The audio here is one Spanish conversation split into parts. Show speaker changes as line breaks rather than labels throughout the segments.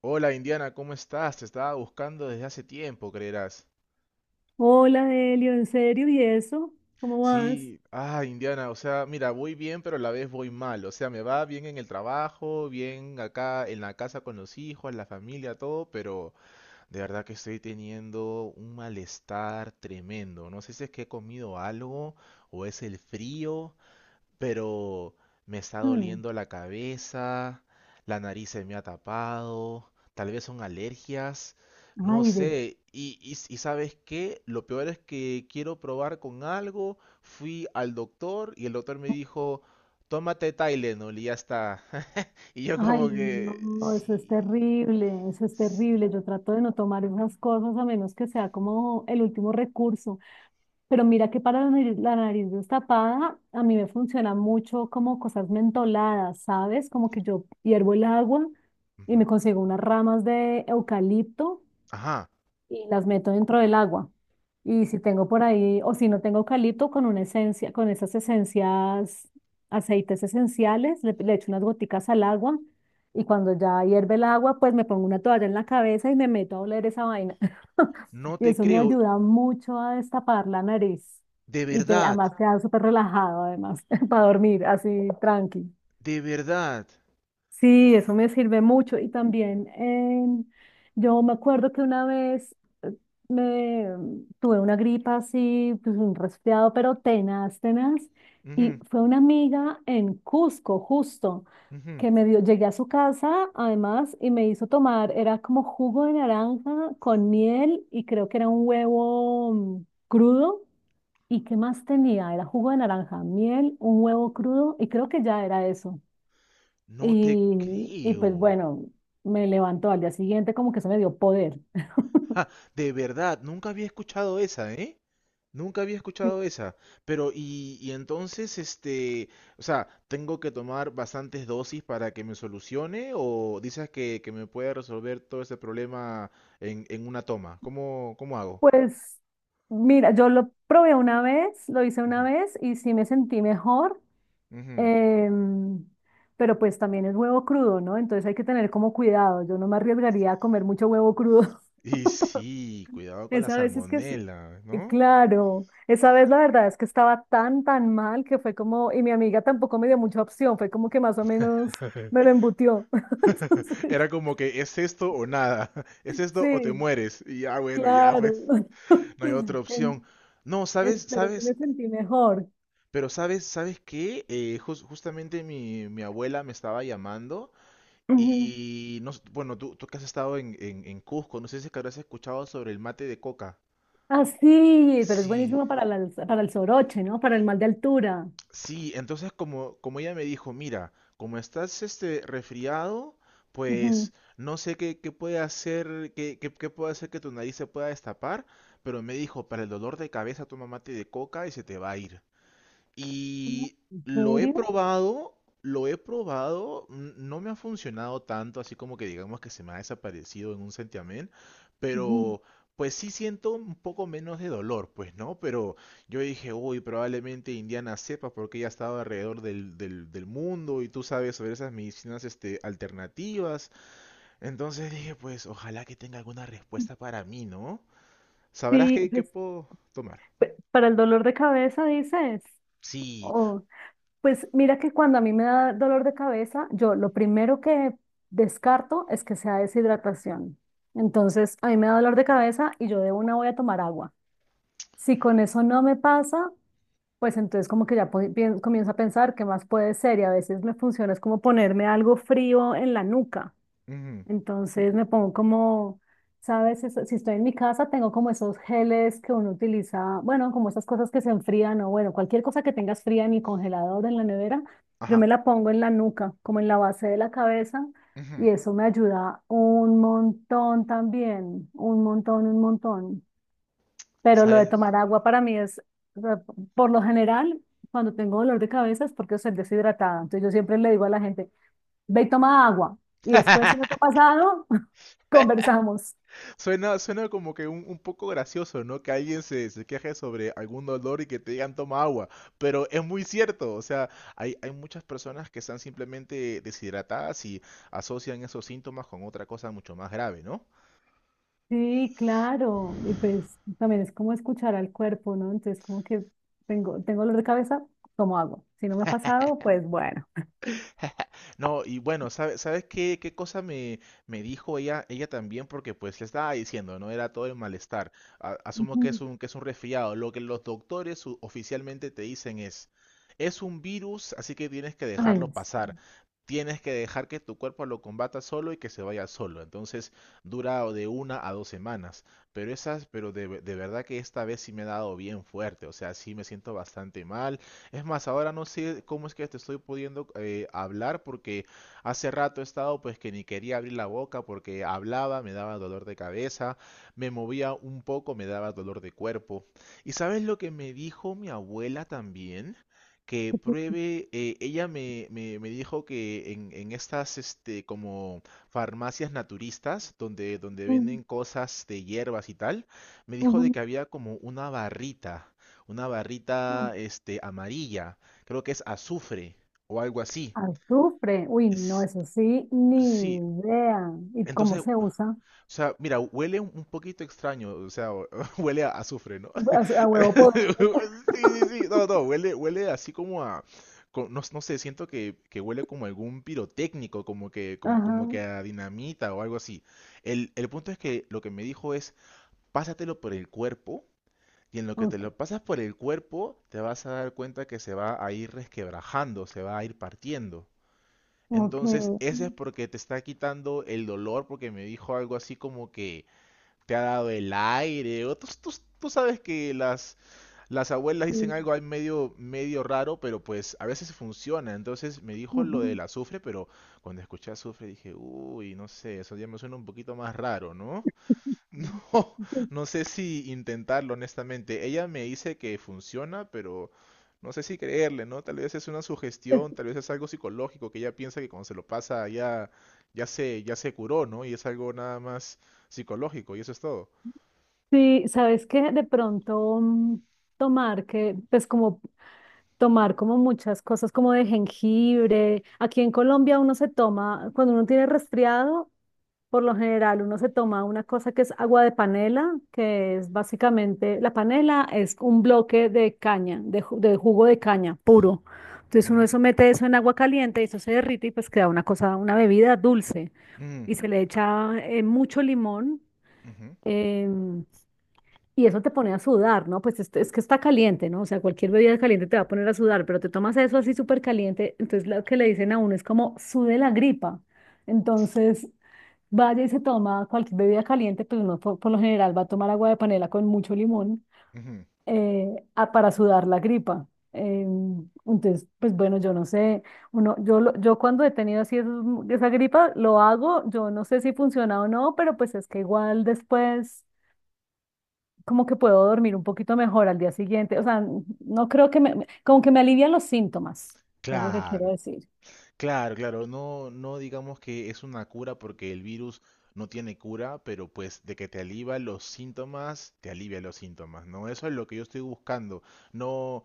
Hola Indiana, ¿cómo estás? Te estaba buscando desde hace tiempo, creerás.
Hola, Delio, ¿en serio? ¿Y eso? ¿Cómo vas?
Sí, Indiana, o sea, mira, voy bien, pero a la vez voy mal. O sea, me va bien en el trabajo, bien acá en la casa con los hijos, la familia, todo, pero de verdad que estoy teniendo un malestar tremendo. No sé si es que he comido algo o es el frío. Pero me está
Hmm,
doliendo la cabeza, la nariz se me ha tapado, tal vez son alergias, no
Ay, de-
sé. Y ¿sabes qué? Lo peor es que quiero probar con algo, fui al doctor y el doctor me dijo, tómate Tylenol y ya está. Y yo
ay,
como que,
no, eso es
sí,
terrible, eso es
sí.
terrible. Yo trato de no tomar esas cosas a menos que sea como el último recurso. Pero mira que para la nariz destapada, a mí me funciona mucho como cosas mentoladas, ¿sabes? Como que yo hiervo el agua y me
Ujú.
consigo unas ramas de eucalipto
Ajá,
y las meto dentro del agua. Y si tengo por ahí, o si no tengo eucalipto, con una esencia, con esas esencias, aceites esenciales, le echo unas goticas al agua y cuando ya hierve el agua, pues me pongo una toalla en la cabeza y me meto a oler esa vaina.
no
Y
te
eso me
creo,
ayuda mucho a destapar la nariz.
de
Y te,
verdad,
además queda súper relajado, además, para dormir así tranqui.
de verdad.
Sí, eso me sirve mucho. Y también yo me acuerdo que una vez eh, me tuve una gripa así, pues un resfriado, pero tenaz, tenaz. Y fue una amiga en Cusco, justo,
Ujú, ujú.
que me dio, llegué a su casa además y me hizo tomar, era como jugo de naranja con miel y creo que era un huevo crudo. ¿Y qué más tenía? Era jugo de naranja, miel, un huevo crudo y creo que ya era eso.
No te
Y, y pues
creo.
bueno, me levantó al día siguiente como que eso me dio poder.
Ja, de verdad, nunca había escuchado esa, ¿eh? Nunca había escuchado esa. Pero, y entonces, este, o sea, ¿tengo que tomar bastantes dosis para que me solucione? ¿O dices que me puede resolver todo ese problema en una toma? ¿Cómo hago?
Pues mira, yo lo probé una vez, lo hice una
Ujú,
vez y sí me sentí mejor,
ujú.
em, pero pues también es huevo crudo, ¿no? Entonces hay que tener como cuidado. Yo no me arriesgaría a comer mucho huevo crudo.
Y sí, cuidado con la
Esa vez es que sí.
salmonela, ¿no?
Claro, esa vez la verdad es que estaba tan, tan mal que fue como, y mi amiga tampoco me dio mucha opción, fue como que más o menos me lo embutió. Entonces,
Era como que es esto o nada, es esto o te
sí,
mueres. Y ya, bueno, ya
Claro.
pues, no hay otra opción.
En-
No, ¿sabes?
pero sí me
¿Sabes?
sentí mejor.
Pero sabes, ¿sabes qué? Justamente mi abuela me estaba llamando
Ujú.
y no, bueno, tú que has estado en, en Cusco, no sé si es que habrás escuchado sobre el mate de coca.
Ah, sí, pero es
Sí,
buenísimo para, para el soroche, ¿no? Para el mal de altura.
sí, entonces como ella me dijo, mira, como estás este resfriado,
Ujú.
pues no sé qué puede hacer, qué puede hacer que tu nariz se pueda destapar, pero me dijo, para el dolor de cabeza toma mate de coca y se te va a ir.
Ah,
Y
¿en serio?
lo he probado, no me ha funcionado tanto, así como que digamos que se me ha desaparecido en un santiamén,
Ujú.
pero pues sí siento un poco menos de dolor, pues, ¿no? Pero yo dije, uy, probablemente Indiana sepa porque ella ha estado alrededor del mundo y tú sabes sobre esas medicinas este, alternativas. Entonces dije, pues, ojalá que tenga alguna respuesta para mí, ¿no? ¿Sabrás
Sí,
qué
pues
puedo tomar?
para el dolor de cabeza dices.
Sí.
Oh, pues mira que cuando a mí me da dolor de cabeza, yo lo primero que descarto es que sea deshidratación. Entonces, a mí me da dolor de cabeza y yo de una voy a tomar agua. Si con eso no me pasa, pues entonces como que ya comienzo a pensar qué más puede ser y a veces me funciona es como ponerme algo frío en la nuca.
Ujú,
Entonces me pongo como, ¿sabes? Si estoy en mi casa tengo como esos geles que uno utiliza, bueno, como esas cosas que se enfrían o bueno, cualquier cosa que tengas fría en mi congelador, en la nevera, yo
ajá.
me la pongo en la nuca, como en la base de la cabeza
Ujú.
y eso me ayuda un montón también, un montón, un montón. Pero lo de
¿Sabes?
tomar agua para mí es, o sea, por lo general, cuando tengo dolor de cabeza es porque estoy deshidratada. Entonces yo siempre le digo a la gente, ve y toma agua. Y después, si no te ha pasado, conversamos.
Suena como que un, poco gracioso, ¿no? Que alguien se queje sobre algún dolor y que te digan toma agua, pero es muy cierto, o sea, hay muchas personas que están simplemente deshidratadas y asocian esos síntomas con otra cosa mucho más grave, ¿no?
Sí, claro. Y pues también es como escuchar al cuerpo, ¿no? Entonces como que tengo dolor de cabeza, tomo agua. Si no me ha pasado, pues bueno.
No, y bueno, ¿sabes qué cosa me dijo ella también? Porque pues le estaba diciendo, ¿no? Era todo el malestar. Asumo que es
Ujú.
un, que es un resfriado. Lo que los doctores oficialmente te dicen es un virus, así que tienes que dejarlo
Ay, sí.
pasar. Tienes que dejar que tu cuerpo lo combata solo y que se vaya solo. Entonces dura de 1 a 2 semanas. Pero esas, pero de, ve- de verdad que esta vez sí me ha dado bien fuerte. O sea, sí me siento bastante mal. Es más, ahora no sé cómo es que te estoy pudiendo hablar porque hace rato he estado pues que ni quería abrir la boca porque hablaba, me daba dolor de cabeza, me movía un poco, me daba dolor de cuerpo. ¿Y sabes lo que me dijo mi abuela también? Que pruebe, ella me dijo que en estas este, como farmacias naturistas, donde
Ujú,
venden cosas de hierbas y tal, me dijo de
ujú,
que había como una barrita
ujú.
este, amarilla. Creo que es azufre o algo así.
Azufre. Uy, no,
S-
eso sí,
Sí,
ni idea. ¿Y cómo
entonces, o
se usa?
sea, mira, huele un poquito extraño, o sea, huele a azufre, ¿no?
A huevo podrido.
Sí, sí, sí, no, no, huele así como a, no, no sé, siento que huele como algún pirotécnico, como que, como,
Ajá,
como que a dinamita o algo así. El punto es que lo que me dijo es, pásatelo por el cuerpo. Y en lo que te lo
ok,
pasas por el cuerpo, te vas a dar cuenta que se va a ir resquebrajando, se va a ir partiendo.
ok.
Entonces, ese es porque te está quitando el dolor, porque me dijo algo así como que te ha dado el aire. O tú sabes que las abuelas dicen
Sí,
algo ahí medio, medio raro, pero pues a veces funciona. Entonces me dijo lo
ujú.
del azufre, pero cuando escuché azufre dije, uy, no sé, eso ya me suena un poquito más raro, ¿no? No,
Pues
no sé si intentarlo, honestamente. Ella me dice que funciona, pero no sé si creerle, ¿no? Tal vez es una sugestión, tal vez es algo psicológico que ella piensa que cuando se lo pasa ya se curó, ¿no? Y es algo nada más psicológico, y eso es todo.
sí, sabes que de pronto tomar que, pues como tomar como muchas cosas como de jengibre. Aquí en Colombia uno se toma, cuando uno tiene resfriado, por lo general, uno se toma una cosa que es agua de panela, que es básicamente, la panela es un bloque de caña, de, de jugo de caña puro. Entonces uno
Ujú,
eso mete eso en agua caliente y eso se derrite y pues queda una cosa, una bebida dulce.
mm,
Y se le echa mucho limón
ujú,
em, y eso te pone a sudar, ¿no? Pues es que está caliente, ¿no? O sea, cualquier bebida caliente te va a poner a sudar, pero te tomas eso así súper caliente, entonces lo que le dicen a uno es como sude la gripa. Entonces, vaya y se toma cualquier bebida caliente, pues no, por lo general va a tomar agua de panela con mucho limón
ujú.
eh, para sudar la gripa. Eh, entonces, pues bueno, yo no sé, yo cuando he tenido así esa gripa, lo hago, yo no sé si funciona o no, pero pues es que igual después como que puedo dormir un poquito mejor al día siguiente, o sea, no creo que como que me alivian los síntomas, es lo que quiero
Claro,
decir.
claro, claro. No, no digamos que es una cura porque el virus no tiene cura, pero pues de que te alivia los síntomas, te alivia los síntomas, ¿no? Eso es lo que yo estoy buscando. No,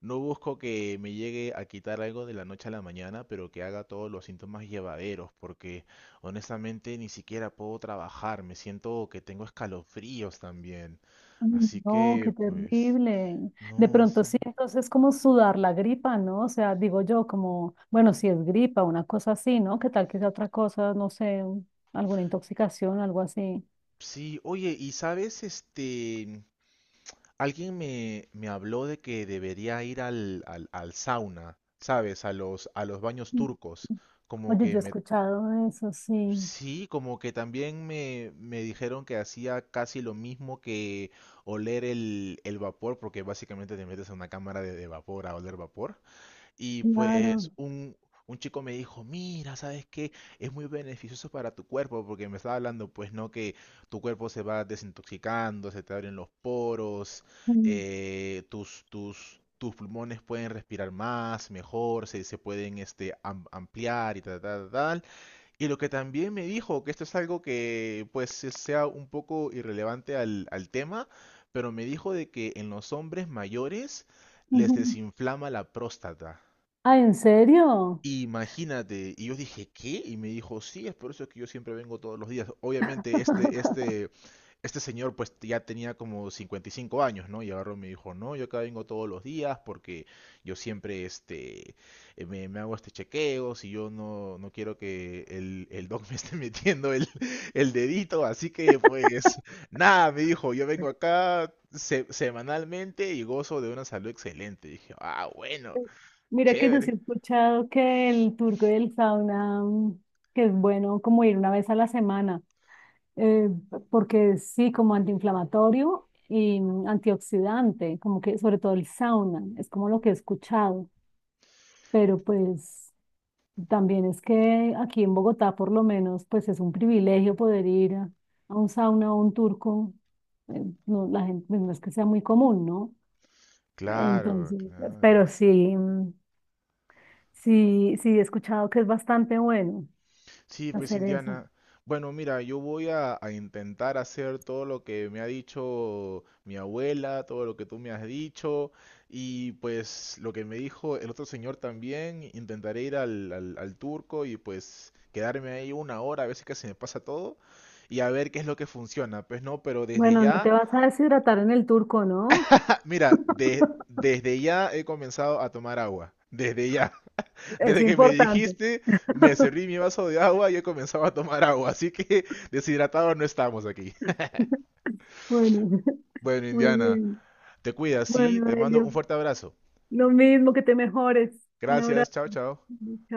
no busco que me llegue a quitar algo de la noche a la mañana, pero que haga todos los síntomas llevaderos, porque honestamente ni siquiera puedo trabajar, me siento que tengo escalofríos también.
Ay,
Así
no, qué
que, pues,
terrible. De
no,
pronto
sí.
sí, entonces como sudar la gripa, ¿no? O sea, digo yo como, bueno, si es gripa, una cosa así, ¿no? ¿Qué tal que sea otra cosa, no sé, alguna intoxicación, algo así?
Sí, oye, y sabes, este, alguien me habló de que debería ir al sauna, ¿sabes? A los baños
Mm.
turcos, como
Oye,
que
yo he
me,
escuchado eso, sí,
sí, como que también me dijeron que hacía casi lo mismo que oler el vapor, porque básicamente te metes en una cámara de vapor a oler vapor. Y pues
claro.
un chico me dijo, mira, ¿sabes qué? Es muy beneficioso para tu cuerpo, porque me estaba hablando, pues no, que tu cuerpo se va desintoxicando, se te abren los poros,
Mm,
tus pulmones pueden respirar más, mejor, se pueden este, ampliar y tal, tal, tal. Y lo que también me dijo, que esto es algo que pues sea un poco irrelevante al tema, pero me dijo de que en los hombres mayores les
ujú.
desinflama la próstata.
Ah, ¿en serio?
Imagínate, y yo dije, ¿qué? Y me dijo, sí, es por eso que yo siempre vengo todos los días. Obviamente, este, este, este señor pues ya tenía como 55 años, ¿no? Y agarró y me dijo, no, yo acá vengo todos los días porque yo siempre, este, me hago este chequeo, si yo no quiero que el doc me esté metiendo el dedito, así que pues, nada, me dijo, yo vengo acá semanalmente y gozo de una salud excelente. Dije, ah, bueno,
Mira que yo sí
chévere.
he escuchado que el turco del sauna, que es bueno como ir una vez a la semana. eh, porque sí, como antiinflamatorio y antioxidante, como que sobre todo el sauna, es como lo que he escuchado, pero pues también es que aquí en Bogotá por lo menos pues es un privilegio poder ir a un sauna o un turco, no, la gente, pues, no es que sea muy común, ¿no?
Claro,
Entonces,
claro.
pero sí, sí, sí he escuchado que es bastante bueno
Sí, pues
hacer eso.
Indiana. Bueno, mira, yo voy a intentar hacer todo lo que me ha dicho mi abuela, todo lo que tú me has dicho, y pues lo que me dijo el otro señor también. Intentaré ir al turco y pues quedarme ahí una hora, a ver si que se me pasa todo, y a ver qué es lo que funciona. Pues no, pero desde
Bueno, no te
ya,
vas a deshidratar en el turco, ¿no?
mira, desde ya he comenzado a tomar agua. Desde ya.
Es
Desde que me
importante.
dijiste, me serví mi vaso de agua y he comenzado a tomar agua, así que deshidratados no estamos aquí.
Bueno,
Bueno,
muy
Indiana,
bien.
te cuidas, sí,
Bueno,
te mando un
Elio,
fuerte abrazo.
lo mismo que te mejores. Un
Gracias,
abrazo.
chao, chao.